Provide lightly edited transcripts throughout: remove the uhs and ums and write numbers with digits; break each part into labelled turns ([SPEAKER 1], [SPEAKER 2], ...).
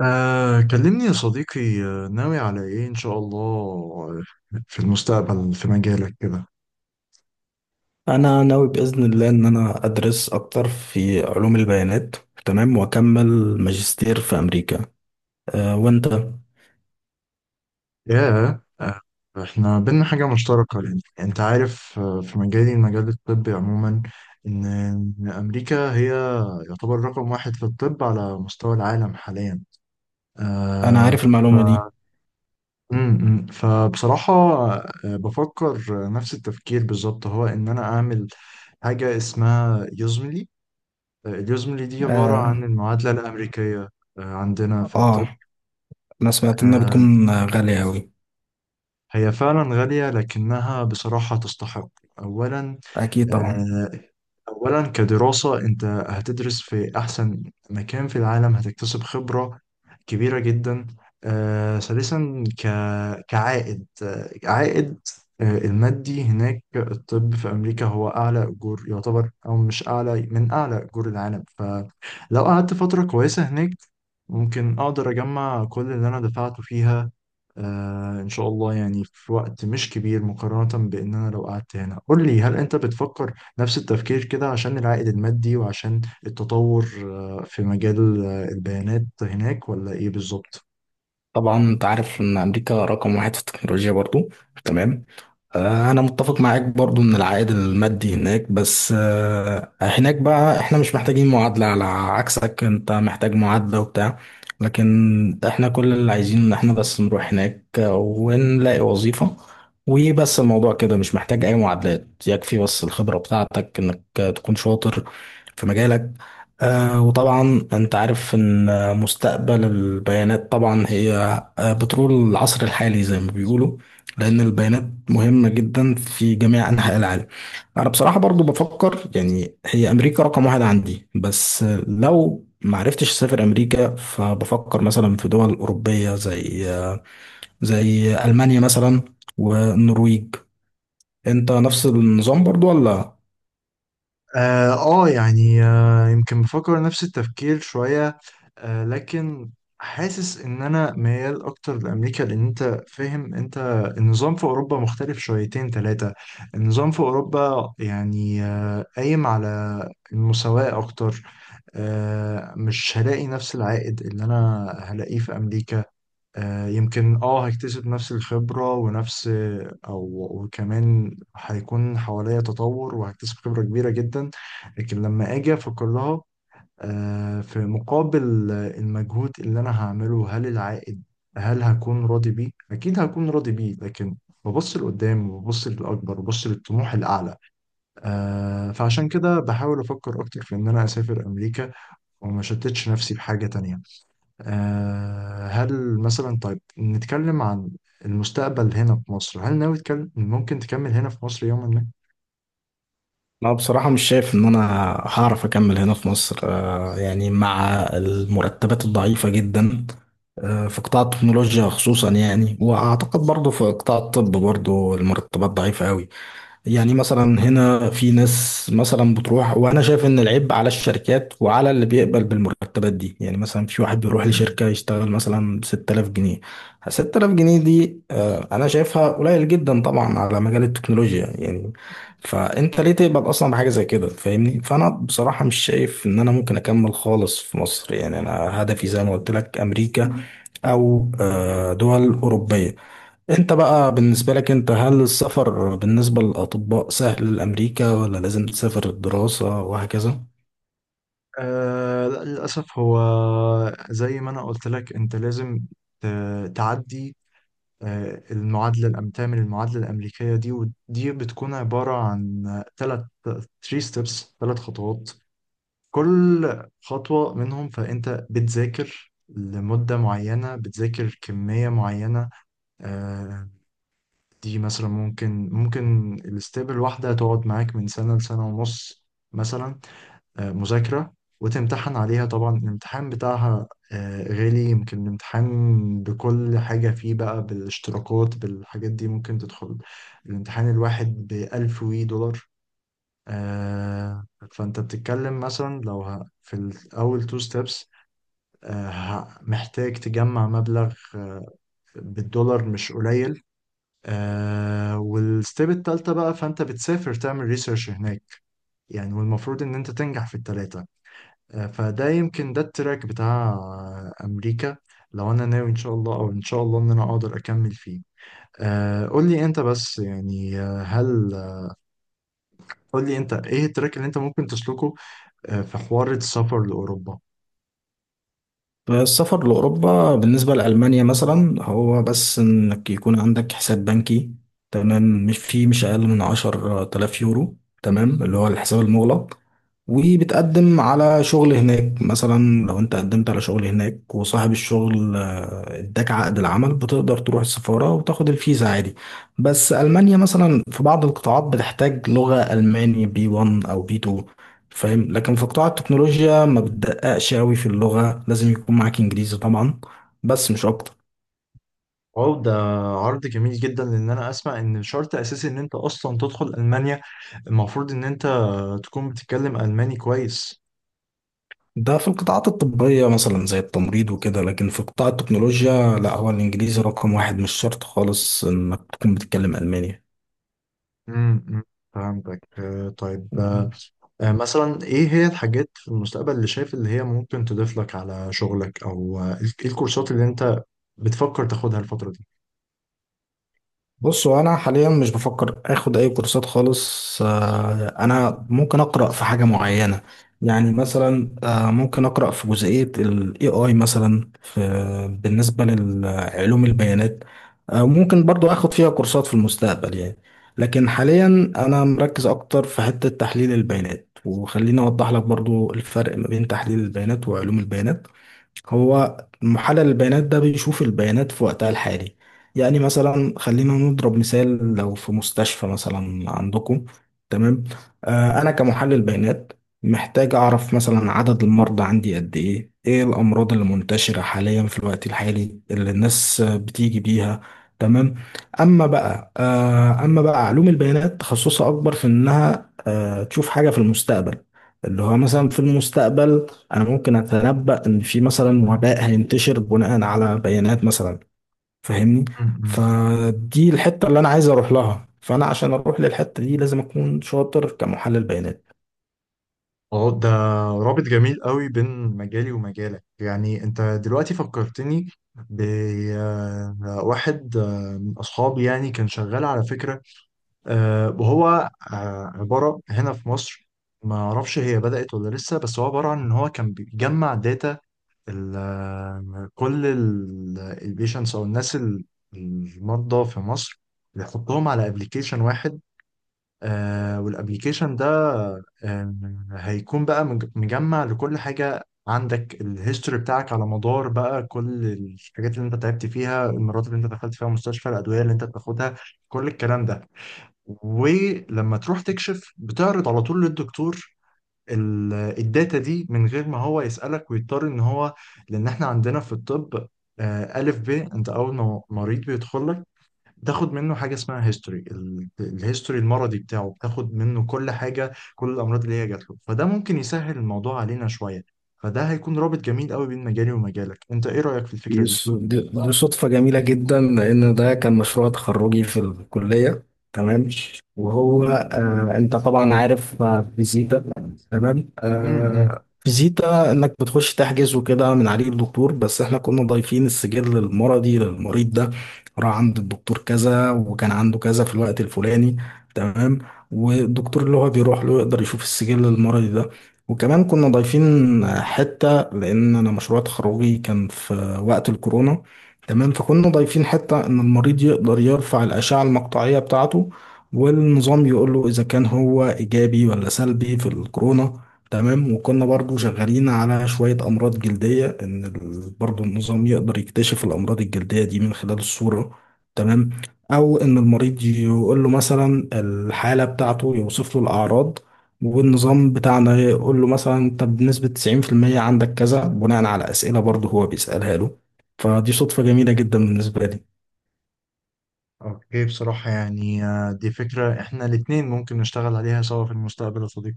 [SPEAKER 1] كلمني يا صديقي، ناوي على ايه ان شاء الله. في المستقبل في مجالك كده.
[SPEAKER 2] انا ناوي باذن الله ان انا ادرس اكتر في علوم البيانات. تمام، واكمل ماجستير في امريكا. وانت؟
[SPEAKER 1] ياه. احنا بينا حاجة مشتركة لأن انت عارف، في مجالي المجال الطبي عموما. إن امريكا هي يعتبر رقم واحد في الطب على مستوى العالم حاليا.
[SPEAKER 2] انا
[SPEAKER 1] آه
[SPEAKER 2] عارف
[SPEAKER 1] ف...
[SPEAKER 2] المعلومه دي.
[SPEAKER 1] م- م. فبصراحة، بفكر نفس التفكير بالظبط، هو ان انا اعمل حاجة اسمها يوزملي. اليوزملي دي عبارة عن
[SPEAKER 2] اه,
[SPEAKER 1] المعادلة الأمريكية، عندنا في الطب.
[SPEAKER 2] آه انا سمعت انها
[SPEAKER 1] آه،
[SPEAKER 2] بتكون غاليه قوي.
[SPEAKER 1] هي فعلا غالية لكنها بصراحة تستحق. أولا،
[SPEAKER 2] اكيد طبعا.
[SPEAKER 1] آه، أولا كدراسة أنت هتدرس في أحسن مكان في العالم، هتكتسب خبرة كبيرة جدا. ثالثا كعائد، آه، عائد آه، المادي هناك. الطب في أمريكا هو أعلى أجور، يعتبر أو مش أعلى من أعلى أجور العالم. ف لو قعدت فترة كويسة هناك ممكن أقدر أجمع كل اللي أنا دفعته فيها، إن شاء الله، يعني في وقت مش كبير مقارنة بإن أنا لو قعدت هنا. قول لي، هل أنت بتفكر نفس التفكير كده عشان العائد المادي وعشان التطور في مجال البيانات هناك، ولا إيه بالظبط؟
[SPEAKER 2] طبعا انت عارف ان امريكا رقم واحد في التكنولوجيا برضو. تمام. انا متفق معاك برضو ان العائد المادي هناك، بس هناك بقى احنا مش محتاجين معادلة على عكسك، انت محتاج معادلة وبتاع. لكن احنا كل اللي عايزين ان احنا بس نروح هناك ونلاقي وظيفة وبس. الموضوع كده مش محتاج اي معادلات، يكفي بس الخبرة بتاعتك انك تكون شاطر في مجالك. وطبعا انت عارف ان مستقبل البيانات طبعا هي بترول العصر الحالي زي ما بيقولوا، لان البيانات مهمة جدا في جميع انحاء العالم. انا بصراحة برضو بفكر، يعني هي امريكا رقم واحد عندي، بس لو ما عرفتش اسافر امريكا فبفكر مثلا في دول اوروبية، زي المانيا مثلا والنرويج. انت نفس النظام برضو ولا؟
[SPEAKER 1] اه. يعني، يمكن بفكر نفس التفكير شوية. لكن حاسس ان انا ميال اكتر لامريكا، لان انت فاهم، انت النظام في اوروبا مختلف شويتين ثلاثة. النظام في اوروبا يعني، قايم على المساواة اكتر. مش هلاقي نفس العائد اللي انا هلاقيه في امريكا. يمكن اه هيكتسب نفس الخبرة ونفس او وكمان هيكون حواليا تطور وهكتسب خبرة كبيرة جدا. لكن لما اجي افكر لها، في مقابل المجهود اللي انا هعمله، هل العائد، هل هكون راضي بيه؟ اكيد هكون راضي بيه، لكن ببص لقدام وببص للاكبر وببص للطموح الاعلى. فعشان كده بحاول افكر اكتر في ان انا اسافر امريكا وما شتتش نفسي بحاجة تانية. هل مثلا، طيب نتكلم عن المستقبل هنا في مصر. هل ناوي تكلم، ممكن تكمل هنا في مصر يوما ما؟
[SPEAKER 2] أنا بصراحة مش شايف إن أنا هعرف أكمل هنا في مصر، يعني مع المرتبات الضعيفة جدا في قطاع التكنولوجيا خصوصا، يعني وأعتقد برضه في قطاع الطب برضه المرتبات ضعيفة أوي. يعني مثلا هنا في ناس مثلا بتروح، وانا شايف ان العيب على الشركات وعلى اللي بيقبل بالمرتبات دي. يعني مثلا في واحد بيروح
[SPEAKER 1] م-
[SPEAKER 2] لشركة يشتغل مثلا ب 6000 جنيه. 6000 جنيه دي انا شايفها قليل جدا طبعا على مجال التكنولوجيا يعني. فانت ليه تقبل اصلا بحاجة زي كده؟ فاهمني. فانا بصراحة مش شايف ان انا ممكن اكمل خالص في مصر، يعني انا هدفي زي ما قلت لك امريكا او دول اوروبية. انت بقى بالنسبة لك، انت هل السفر بالنسبة للأطباء سهل لأمريكا ولا لازم تسافر الدراسة وهكذا؟
[SPEAKER 1] لا للأسف، هو زي ما أنا قلت لك أنت لازم تعدي ، المعادلة الأم، تعمل المعادلة الأمريكية دي. ودي بتكون عبارة عن ثلاث، 3 ستيبس، ثلاث خطوات. كل خطوة منهم فأنت بتذاكر لمدة معينة، بتذاكر كمية معينة. آه، دي مثلا ممكن، الاستيب الواحدة تقعد معاك من سنة لسنة ونص مثلا، مذاكرة، وتمتحن عليها. طبعا الامتحان بتاعها غالي، يمكن الامتحان بكل حاجة فيه بقى، بالاشتراكات بالحاجات دي، ممكن تدخل الامتحان الواحد بألف وي دولار. آه، فأنت بتتكلم مثلا لو في الأول تو ستيبس محتاج تجمع مبلغ بالدولار مش قليل. والستيب التالتة بقى، فأنت بتسافر تعمل ريسيرش هناك يعني. والمفروض إن أنت تنجح في التلاتة. فده يمكن ده التراك بتاع أمريكا، لو أنا ناوي إن شاء الله، أو إن شاء الله إن أنا أقدر أكمل فيه. قول لي أنت بس، يعني، هل، قول لي أنت إيه التراك اللي أنت ممكن تسلكه في حوار السفر لأوروبا؟
[SPEAKER 2] السفر لأوروبا بالنسبة لألمانيا مثلا هو بس إنك يكون عندك حساب بنكي. تمام، مش أقل من 10,000 يورو. تمام، اللي هو الحساب المغلق. وبتقدم على شغل هناك، مثلا لو أنت قدمت على شغل هناك وصاحب الشغل اداك عقد العمل، بتقدر تروح السفارة وتاخد الفيزا عادي. بس ألمانيا مثلا في بعض القطاعات بتحتاج لغة ألماني بي 1 أو بي 2، فاهم. لكن في قطاع التكنولوجيا ما بتدققش قوي في اللغة، لازم يكون معاك انجليزي طبعا بس مش اكتر.
[SPEAKER 1] واو، ده عرض جميل جدا، لان انا اسمع ان شرط اساسي ان انت اصلا تدخل المانيا المفروض ان انت تكون بتتكلم الماني كويس.
[SPEAKER 2] ده في القطاعات الطبية مثلا زي التمريض وكده، لكن في قطاع التكنولوجيا لا، هو الانجليزي رقم واحد، مش شرط خالص انك تكون بتتكلم الماني.
[SPEAKER 1] أمم، فهمتك. مثلا ايه هي الحاجات في المستقبل اللي شايف اللي هي ممكن تضيف لك على شغلك، او ايه الكورسات اللي انت بتفكر تاخدها الفترة دي؟
[SPEAKER 2] بص، هو انا حاليا مش بفكر اخد اي كورسات خالص، انا ممكن اقرا في حاجه معينه. يعني مثلا ممكن اقرا في جزئيه الاي اي مثلا في بالنسبه لعلوم البيانات. ممكن برضو اخد فيها كورسات في المستقبل يعني. لكن حاليا انا مركز اكتر في حته تحليل البيانات. وخليني اوضح لك برضو الفرق ما بين تحليل البيانات وعلوم البيانات. هو محلل البيانات ده بيشوف البيانات في وقتها الحالي. يعني مثلا خلينا نضرب مثال، لو في مستشفى مثلا عندكم، تمام. انا كمحلل بيانات محتاج اعرف مثلا عدد المرضى عندي قد ايه، ايه الامراض اللي منتشرة حاليا في الوقت الحالي اللي الناس بتيجي بيها. تمام. اما بقى علوم البيانات تخصصها اكبر في انها تشوف حاجة في المستقبل. اللي هو مثلا في المستقبل انا ممكن اتنبأ ان في مثلا وباء هينتشر بناء على بيانات مثلا، فاهمني.
[SPEAKER 1] امم
[SPEAKER 2] فدي الحتة اللي انا عايز اروح لها. فانا عشان اروح للحتة دي لازم اكون شاطر كمحلل بيانات.
[SPEAKER 1] اه ده رابط جميل قوي بين مجالي ومجالك. يعني انت دلوقتي فكرتني بواحد من اصحابي، يعني كان شغال على فكرة، وهو عبارة هنا في مصر، ما اعرفش هي بدأت ولا لسه، بس هو عبارة عن ان هو كان بيجمع داتا كل البيشنتس او الناس المرضى في مصر، بيحطهم على ابلكيشن واحد. والابلكيشن ده آه هيكون بقى مجمع لكل حاجة، عندك الهيستوري بتاعك على مدار بقى كل الحاجات اللي انت تعبت فيها، المرات اللي انت دخلت فيها مستشفى، الادوية اللي انت بتاخدها، كل الكلام ده. ولما تروح تكشف بتعرض على طول للدكتور الداتا دي، من غير ما هو يسألك ويضطر ان هو، لان احنا عندنا في الطب، ألف ب، انت اول ما مريض بيدخل لك بتاخد منه حاجة اسمها هيستوري. الهيستوري المرضي بتاعه بتاخد منه كل حاجة، كل الأمراض اللي هي جات له، فده ممكن يسهل الموضوع علينا شوية. فده هيكون رابط جميل قوي بين مجالي ومجالك. انت ايه رأيك في الفكرة دي؟
[SPEAKER 2] دي صدفة جميلة جدا لأن ده كان مشروع تخرجي في الكلية. تمام. وهو أنت طبعا عارف فيزيتا. تمام.
[SPEAKER 1] امم.
[SPEAKER 2] فيزيتا إنك بتخش تحجز وكده من عليه الدكتور، بس إحنا كنا ضايفين السجل المرضي للمريض ده راح عند الدكتور كذا وكان عنده كذا في الوقت الفلاني. تمام. والدكتور اللي هو بيروح له يقدر يشوف السجل المرضي ده. وكمان كنا ضايفين حتة لأن أنا مشروع تخرجي كان في وقت الكورونا. تمام. فكنا ضايفين حتة إن المريض يقدر يرفع الأشعة المقطعية بتاعته، والنظام يقول له إذا كان هو إيجابي ولا سلبي في الكورونا. تمام. وكنا برضو شغالين على شوية أمراض جلدية، إن برضو النظام يقدر يكتشف الأمراض الجلدية دي من خلال الصورة. تمام. أو إن المريض يقول له مثلا الحالة بتاعته، يوصف له الأعراض، والنظام بتاعنا يقول له مثلا طب بنسبة 90% عندك كذا، بناء على أسئلة برضه هو بيسألها له. فدي صدفة جميلة جدا بالنسبة لي.
[SPEAKER 1] اوكي، بصراحة يعني، دي فكرة احنا الاتنين ممكن نشتغل عليها سوا في المستقبل يا صديقي.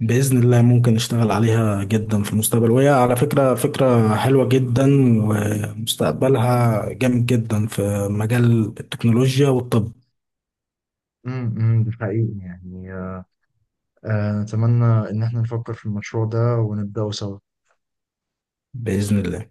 [SPEAKER 2] بإذن الله ممكن نشتغل عليها جدا في المستقبل، وهي على فكرة فكرة حلوة جدا، ومستقبلها جامد جدا في مجال التكنولوجيا والطب.
[SPEAKER 1] امم، ده حقيقي يعني. أتمنى إن احنا نفكر في المشروع ده ونبدأه سوا.
[SPEAKER 2] بإذن الله.